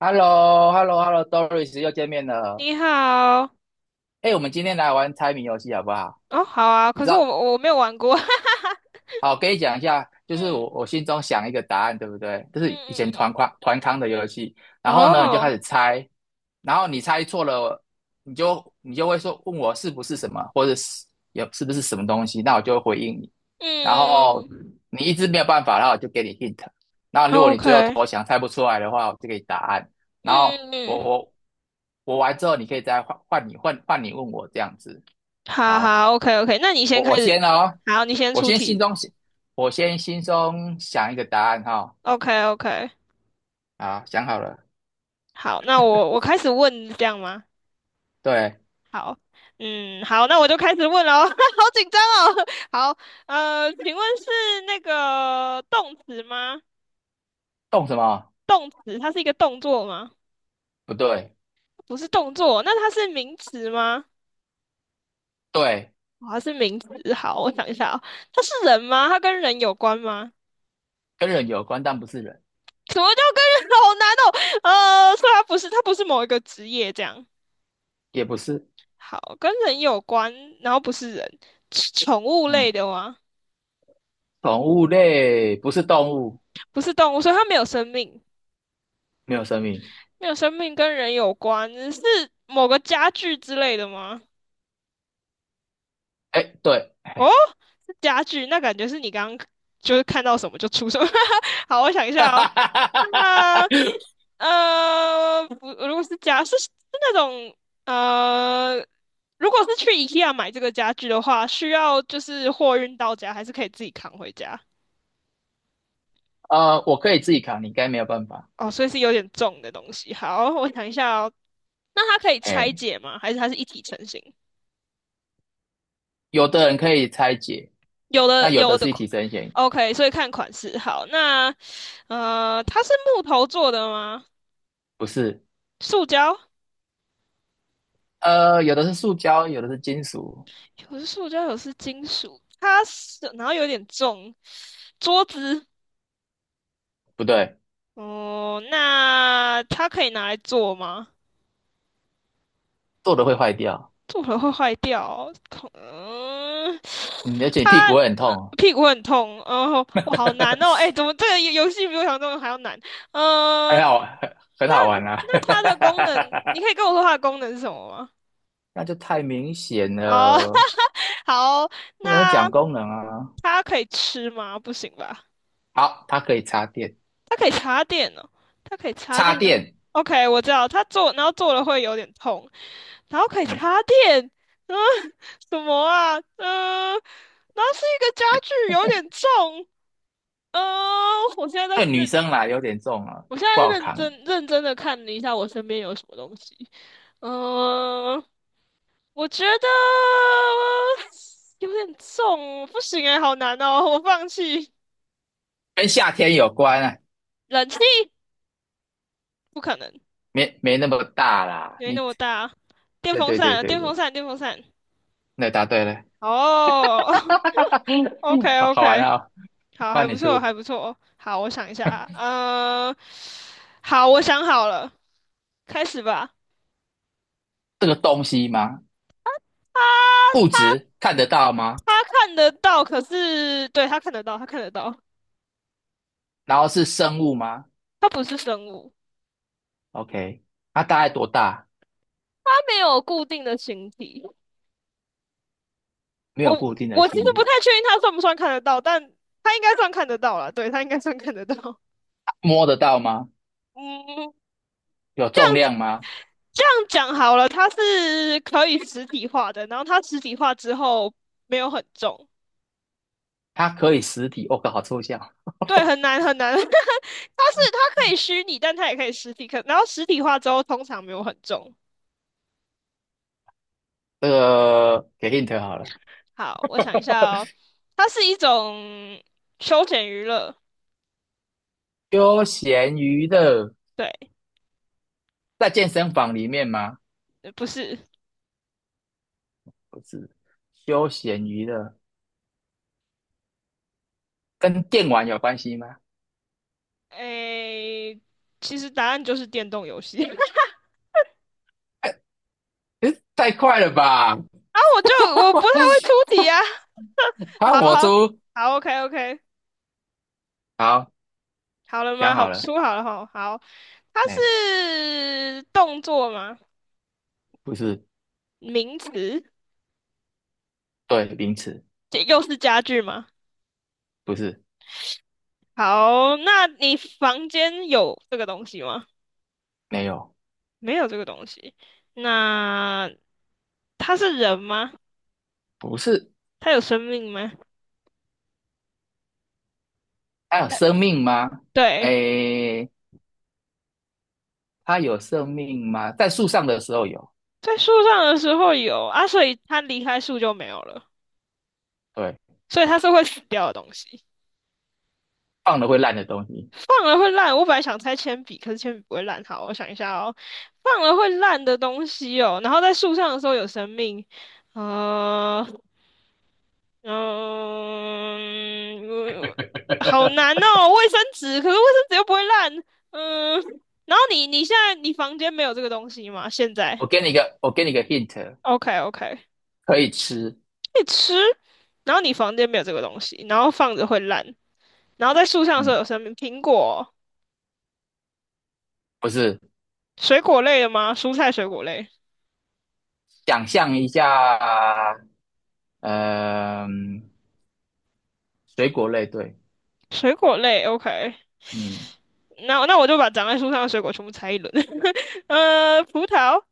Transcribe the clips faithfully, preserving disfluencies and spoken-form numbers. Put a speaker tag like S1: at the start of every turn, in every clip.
S1: h e l l o h e l l o h e l l o d o r i s 又见面了。
S2: 你好。
S1: 哎，我们今天来玩猜谜游戏好不好？
S2: 哦，好啊，
S1: 你
S2: 可
S1: 知
S2: 是
S1: 道，
S2: 我我没有玩过。
S1: 好，我跟你讲一下，就是我
S2: 嗯
S1: 我心中想一个答案，对不对？就是以前
S2: 嗯嗯
S1: 团康团康的游戏，
S2: 嗯。
S1: 然后呢，你就开
S2: 哦，
S1: 始猜，然后你猜错了，你就你就会说问我是不是什么，或者是有是不是什么东西，那我就会回应你，
S2: 嗯
S1: 然
S2: 嗯
S1: 后
S2: 嗯。
S1: 你一直没有办法，然后我就给你 hint，然后如果
S2: o
S1: 你最后
S2: k
S1: 投降猜不出来的话，我就给你答案，然后
S2: 嗯嗯
S1: 我
S2: 嗯嗯。
S1: 我我完之后，你可以再换换你换换你问我这样子，
S2: 好
S1: 好。
S2: 好，OK OK，那你先
S1: 我
S2: 开
S1: 我
S2: 始。
S1: 先哦，
S2: 好，你先
S1: 我
S2: 出
S1: 先心
S2: 题
S1: 中想，我先心中想一个答案哈、
S2: ，OK OK。
S1: 啊，想好了。
S2: 好，那我我开始问，这样吗？
S1: 对，
S2: 好。嗯，好，那我就开始问喽，好紧张哦，好，呃，请问是那个动词吗？
S1: 动什么？
S2: 动词，它是一个动作吗？
S1: 不对，
S2: 不是动作，那它是名词吗？
S1: 对，
S2: 它是名词。好，我想一下哦，它是人吗？它跟人有关吗？
S1: 跟人有关，但不是人，
S2: 什么叫跟人？好难哦。呃，所以它不是，它不是某一个职业这样。
S1: 也不是。
S2: 好，跟人有关，然后不是人，是宠物类
S1: 嗯，
S2: 的吗？
S1: 宠物类不是动物，
S2: 不是动物，所以它没有生命。
S1: 没有生命。
S2: 没有生命，跟人有关，是某个家具之类的吗？
S1: 哎，对，
S2: 哦，
S1: 哎，
S2: 是家具，那感觉是你刚刚就是看到什么就出什么。好，我想一下哦。那么，呃，不，如果是家是是那种呃，如果是去 IKEA 买这个家具的话，需要就是货运到家，还是可以自己扛回家？
S1: 呃，我可以自己扛，你应该没有办法。
S2: 哦，所以是有点重的东西。好，我想一下哦，那它可以拆
S1: 哎，
S2: 解吗？还是它是一体成型？
S1: 有的人可以拆解，
S2: 有
S1: 那
S2: 的
S1: 有
S2: 有
S1: 的
S2: 的
S1: 是一体成型，
S2: o k 所以看款式。好，那呃，它是木头做的吗？
S1: 不是。
S2: 塑胶。
S1: 呃，有的是塑胶，有的是金属，
S2: 有是塑胶，有是金属。它是，然后有点重，桌子。
S1: 不对，
S2: 哦，那它可以拿来做吗？
S1: 做的会坏掉。
S2: 做了会坏掉哦，痛。嗯，
S1: 嗯，而且你屁股会很痛哦，
S2: 屁股很痛，然后我好难哦，哎，怎么这个游游戏比我想象中的还要难？嗯。
S1: 很好，很
S2: 那
S1: 好玩啊，
S2: 那它的功能，你可以跟我说它的功能是什么吗？
S1: 那就太明显
S2: 哦，
S1: 了，
S2: 好，
S1: 不能
S2: 那
S1: 讲功能啊。
S2: 它可以吃吗？不行吧？
S1: 好，它可以插电，
S2: 它可以插电哦，它可以插
S1: 插
S2: 电哦。
S1: 电，
S2: OK，我知道，它坐，然后坐了会有点痛，然后可以
S1: 嗯，
S2: 插电。嗯，什么啊？嗯。然后是一个家具，有点重。嗯。我现在在
S1: 对女
S2: 认，
S1: 生啦有点重啊，
S2: 我现
S1: 不
S2: 在
S1: 好
S2: 认
S1: 扛，
S2: 真认真的看了一下我身边有什么东西。嗯。我觉得有点重，不行哎，好难哦，我放弃。
S1: 跟夏天有关啊，
S2: 冷气不可能，
S1: 没没那么大啦。
S2: 没那
S1: 你，
S2: 么大。电
S1: 对
S2: 风
S1: 对
S2: 扇
S1: 对
S2: 啊，
S1: 对
S2: 电风
S1: 对，
S2: 扇，电风扇。
S1: 那答对了，
S2: 哦， o k
S1: 好
S2: o
S1: 好玩
S2: k
S1: 啊、哦，
S2: 好，还
S1: 换
S2: 不
S1: 你
S2: 错，
S1: 出
S2: 还不错。好，我想一下啊，呃，好，我想好了，开始吧。
S1: 这个东西吗？
S2: 他
S1: 物
S2: 他
S1: 质看得到吗？
S2: 他看得到，可是对他看得到，他看得到。
S1: 然后是生物吗
S2: 他不是生物。
S1: ？OK，它大概多大？
S2: 他没有固定的形体。
S1: 没
S2: 我
S1: 有固定的
S2: 我其实
S1: 心
S2: 不
S1: 理，
S2: 太确定他算不算看得到，但他应该算看得到了，对，他应该算看得到。
S1: 摸得到吗？
S2: 嗯，
S1: 有重量吗？
S2: 这样讲好了，它是可以实体化的，然后它实体化之后没有很重。
S1: 它可以实体，我靠，好抽象。
S2: 对，很难很难。它是它可以虚拟，但它也可以实体。可然后实体化之后，通常没有很重。
S1: 这个给 hint 好了，
S2: 好，我想一下哦，它是一种休闲娱乐。
S1: 休闲娱乐
S2: 对。
S1: 在健身房里面吗？
S2: 呃不是。
S1: 不是，休闲娱乐跟电玩有关系吗？
S2: 诶，其实答案就是电动游戏。然
S1: 哎，诶太快了吧！
S2: 后我就我不太会出题啊。
S1: 好，
S2: 好
S1: 我
S2: 好
S1: 出，
S2: 好，OK OK，
S1: 好，
S2: 好了
S1: 讲
S2: 吗？好，
S1: 好了，
S2: 出好了哈。好，它
S1: 哎，欸
S2: 是动作吗？
S1: 不是，
S2: 名词？
S1: 对，名词，
S2: 这又是家具吗？
S1: 不是，
S2: 好，那你房间有这个东西吗？
S1: 没有，
S2: 没有这个东西。那它是人吗？
S1: 不是，
S2: 它有生命吗？
S1: 它有
S2: 它
S1: 生命吗？哎，
S2: 对，
S1: 欸它有生命吗？在树上的时候有，
S2: 在树上的时候有啊，所以它离开树就没有了，
S1: 对。
S2: 所以它是会死掉的东西。
S1: 放了会烂的东西。
S2: 放了会烂，我本来想猜铅笔，可是铅笔不会烂。好，我想一下哦，放了会烂的东西哦，然后在树上的时候有生命，呃，嗯，我好难哦，卫生纸，可是卫生纸又不会烂。嗯，然后你你现在你房间没有这个东西吗？现在
S1: 我给你一个，我给你一个 hint，
S2: ？OK OK，
S1: 可以吃。
S2: 你吃，然后你房间没有这个东西，然后放着会烂，然后在树上的时候
S1: 嗯，
S2: 有生命，苹果、
S1: 不是，
S2: 水果类的吗？蔬菜、水果类。
S1: 想象一下，嗯、水果类，对，
S2: 水果类，OK。
S1: 嗯，
S2: 那那我就把长在树上的水果全部拆一轮，呃，葡萄、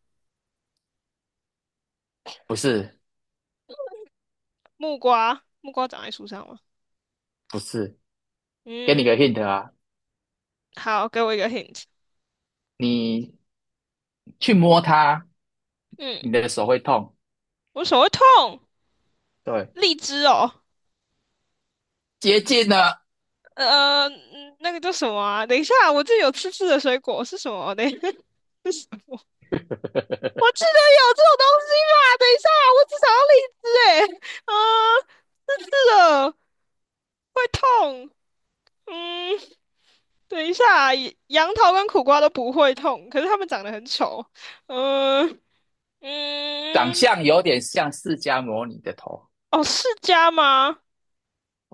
S1: 不是，
S2: 木瓜，木瓜长在树上吗？
S1: 不是，给你个
S2: 嗯，
S1: hint 啊，
S2: 好，给我一个 hint。
S1: 你去摸它，你
S2: 嗯。
S1: 的手会痛。
S2: 我手会痛。
S1: 对，
S2: 荔枝哦，
S1: 接近呢，
S2: 呃，嗯那个叫什么啊？等一下，我这有刺刺的水果是什么？等一下，是什么？我记得有这种东西吧？等一下，我只想要荔枝哎，啊，刺刺的会痛。嗯。等一下，杨桃跟苦瓜都不会痛，可是它们长得很丑。嗯。
S1: 长
S2: 嗯。
S1: 相有点像释迦摩尼的头。
S2: 哦，释迦吗？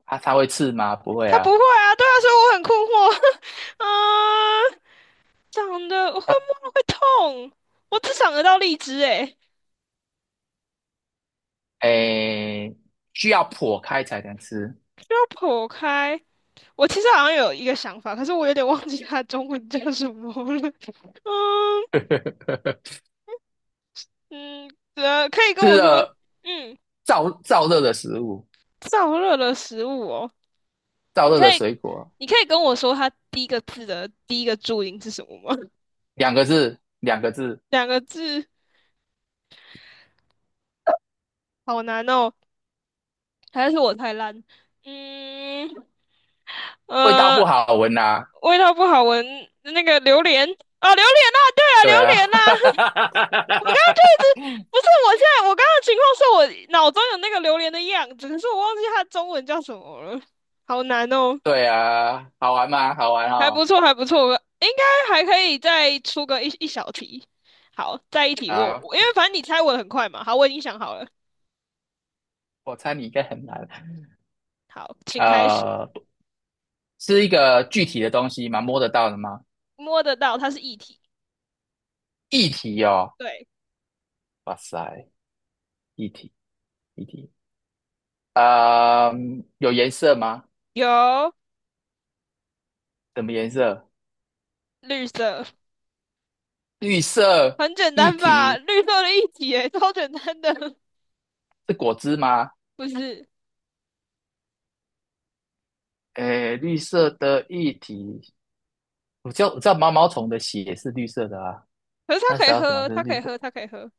S1: 它它会刺吗？不会
S2: 它不会
S1: 啊。
S2: 啊，对啊，所以我很困惑。嗯。长得我会
S1: 呃，
S2: 摸会痛，我只想得到荔枝诶。
S1: 诶，需要剖开才能吃，
S2: 需要剖开。我其实好像有一个想法，可是我有点忘记它的中文叫什么了。嗯。嗯，呃，可以跟
S1: 吃
S2: 我说。
S1: 了
S2: 嗯，
S1: 燥燥热的食物。
S2: 燥热的食物哦，
S1: 燥
S2: 你
S1: 热
S2: 可
S1: 的
S2: 以，
S1: 水果，
S2: 你可以跟我说它第一个字的第一个注音是什么吗？
S1: 两个字，两个字，
S2: 两个字，好难哦，还是我太烂？嗯，
S1: 味道
S2: 呃，
S1: 不好闻呐、
S2: 味道不好闻，那个榴莲啊，榴莲啊，对啊，
S1: 对
S2: 榴
S1: 啊，
S2: 莲啊，我刚刚就 一直不是，我现在我刚刚的情况是我脑中有那个榴莲的样子，可是我忘记它中文叫什么了，好难哦。
S1: 对啊，好玩吗？好玩
S2: 还
S1: 哦。
S2: 不错，还不错，应该还可以再出个一一小题。好，再一题，我
S1: 好，
S2: 我因为反正你猜我的很快嘛，好，我已经想好了。
S1: 我猜你应该很难。
S2: 好，请开始。
S1: 呃，是一个具体的东西吗？摸得到的吗？
S2: 摸得到，它是液体。
S1: 液体哦，
S2: 对。
S1: 哇塞，液体，液体。呃，有颜色吗？
S2: 有。
S1: 什么颜色？
S2: 绿色。
S1: 绿色
S2: 很简
S1: 液
S2: 单吧？
S1: 体
S2: 绿色的液体耶，超简单的。
S1: 是果汁吗？
S2: 不是？
S1: 诶，绿色的液体我知道我知道毛毛虫的血是绿色的啊，
S2: 可是它
S1: 那
S2: 可
S1: 时
S2: 以
S1: 候什么
S2: 喝，
S1: 是
S2: 它可
S1: 绿
S2: 以
S1: 色？
S2: 喝，它可以喝。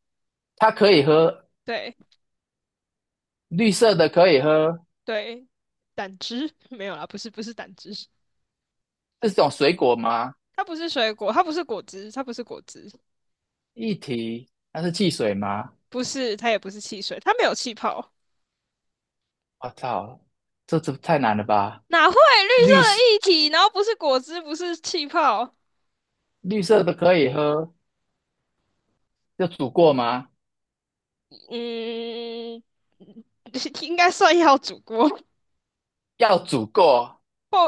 S1: 它可以喝
S2: 对
S1: 绿色的，可以喝，
S2: 对。胆汁， 没有啦，不是不是胆汁。
S1: 这是种水果吗？
S2: 它不是水果，它不是果汁，它不是果汁。
S1: 液体，那是汽水吗？
S2: 不是，它也不是汽水，它没有气泡。
S1: 我操，这这太难了吧！
S2: 哪会绿色
S1: 绿色
S2: 的液体，然后不是果汁，不是气泡？
S1: 绿色的可以喝，要煮过吗？
S2: 嗯，应该算要煮过，不，
S1: 要煮过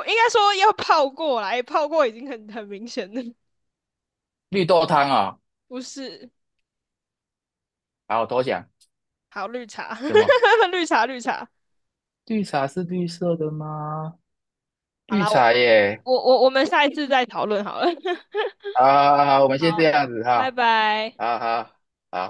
S2: 应该说要泡过来，欸泡过已经很很明显了。
S1: 绿豆汤哦。
S2: 不是。
S1: 好，我投降。
S2: 好，绿茶，
S1: 什么？
S2: 绿茶，绿茶。
S1: 绿茶是绿色的吗？
S2: 好
S1: 绿
S2: 啦，我
S1: 茶耶！
S2: 我我我们下一次再讨论好了。
S1: 好好好，我们先这
S2: 好，
S1: 样子
S2: 拜
S1: 哈，
S2: 拜。
S1: 好好好。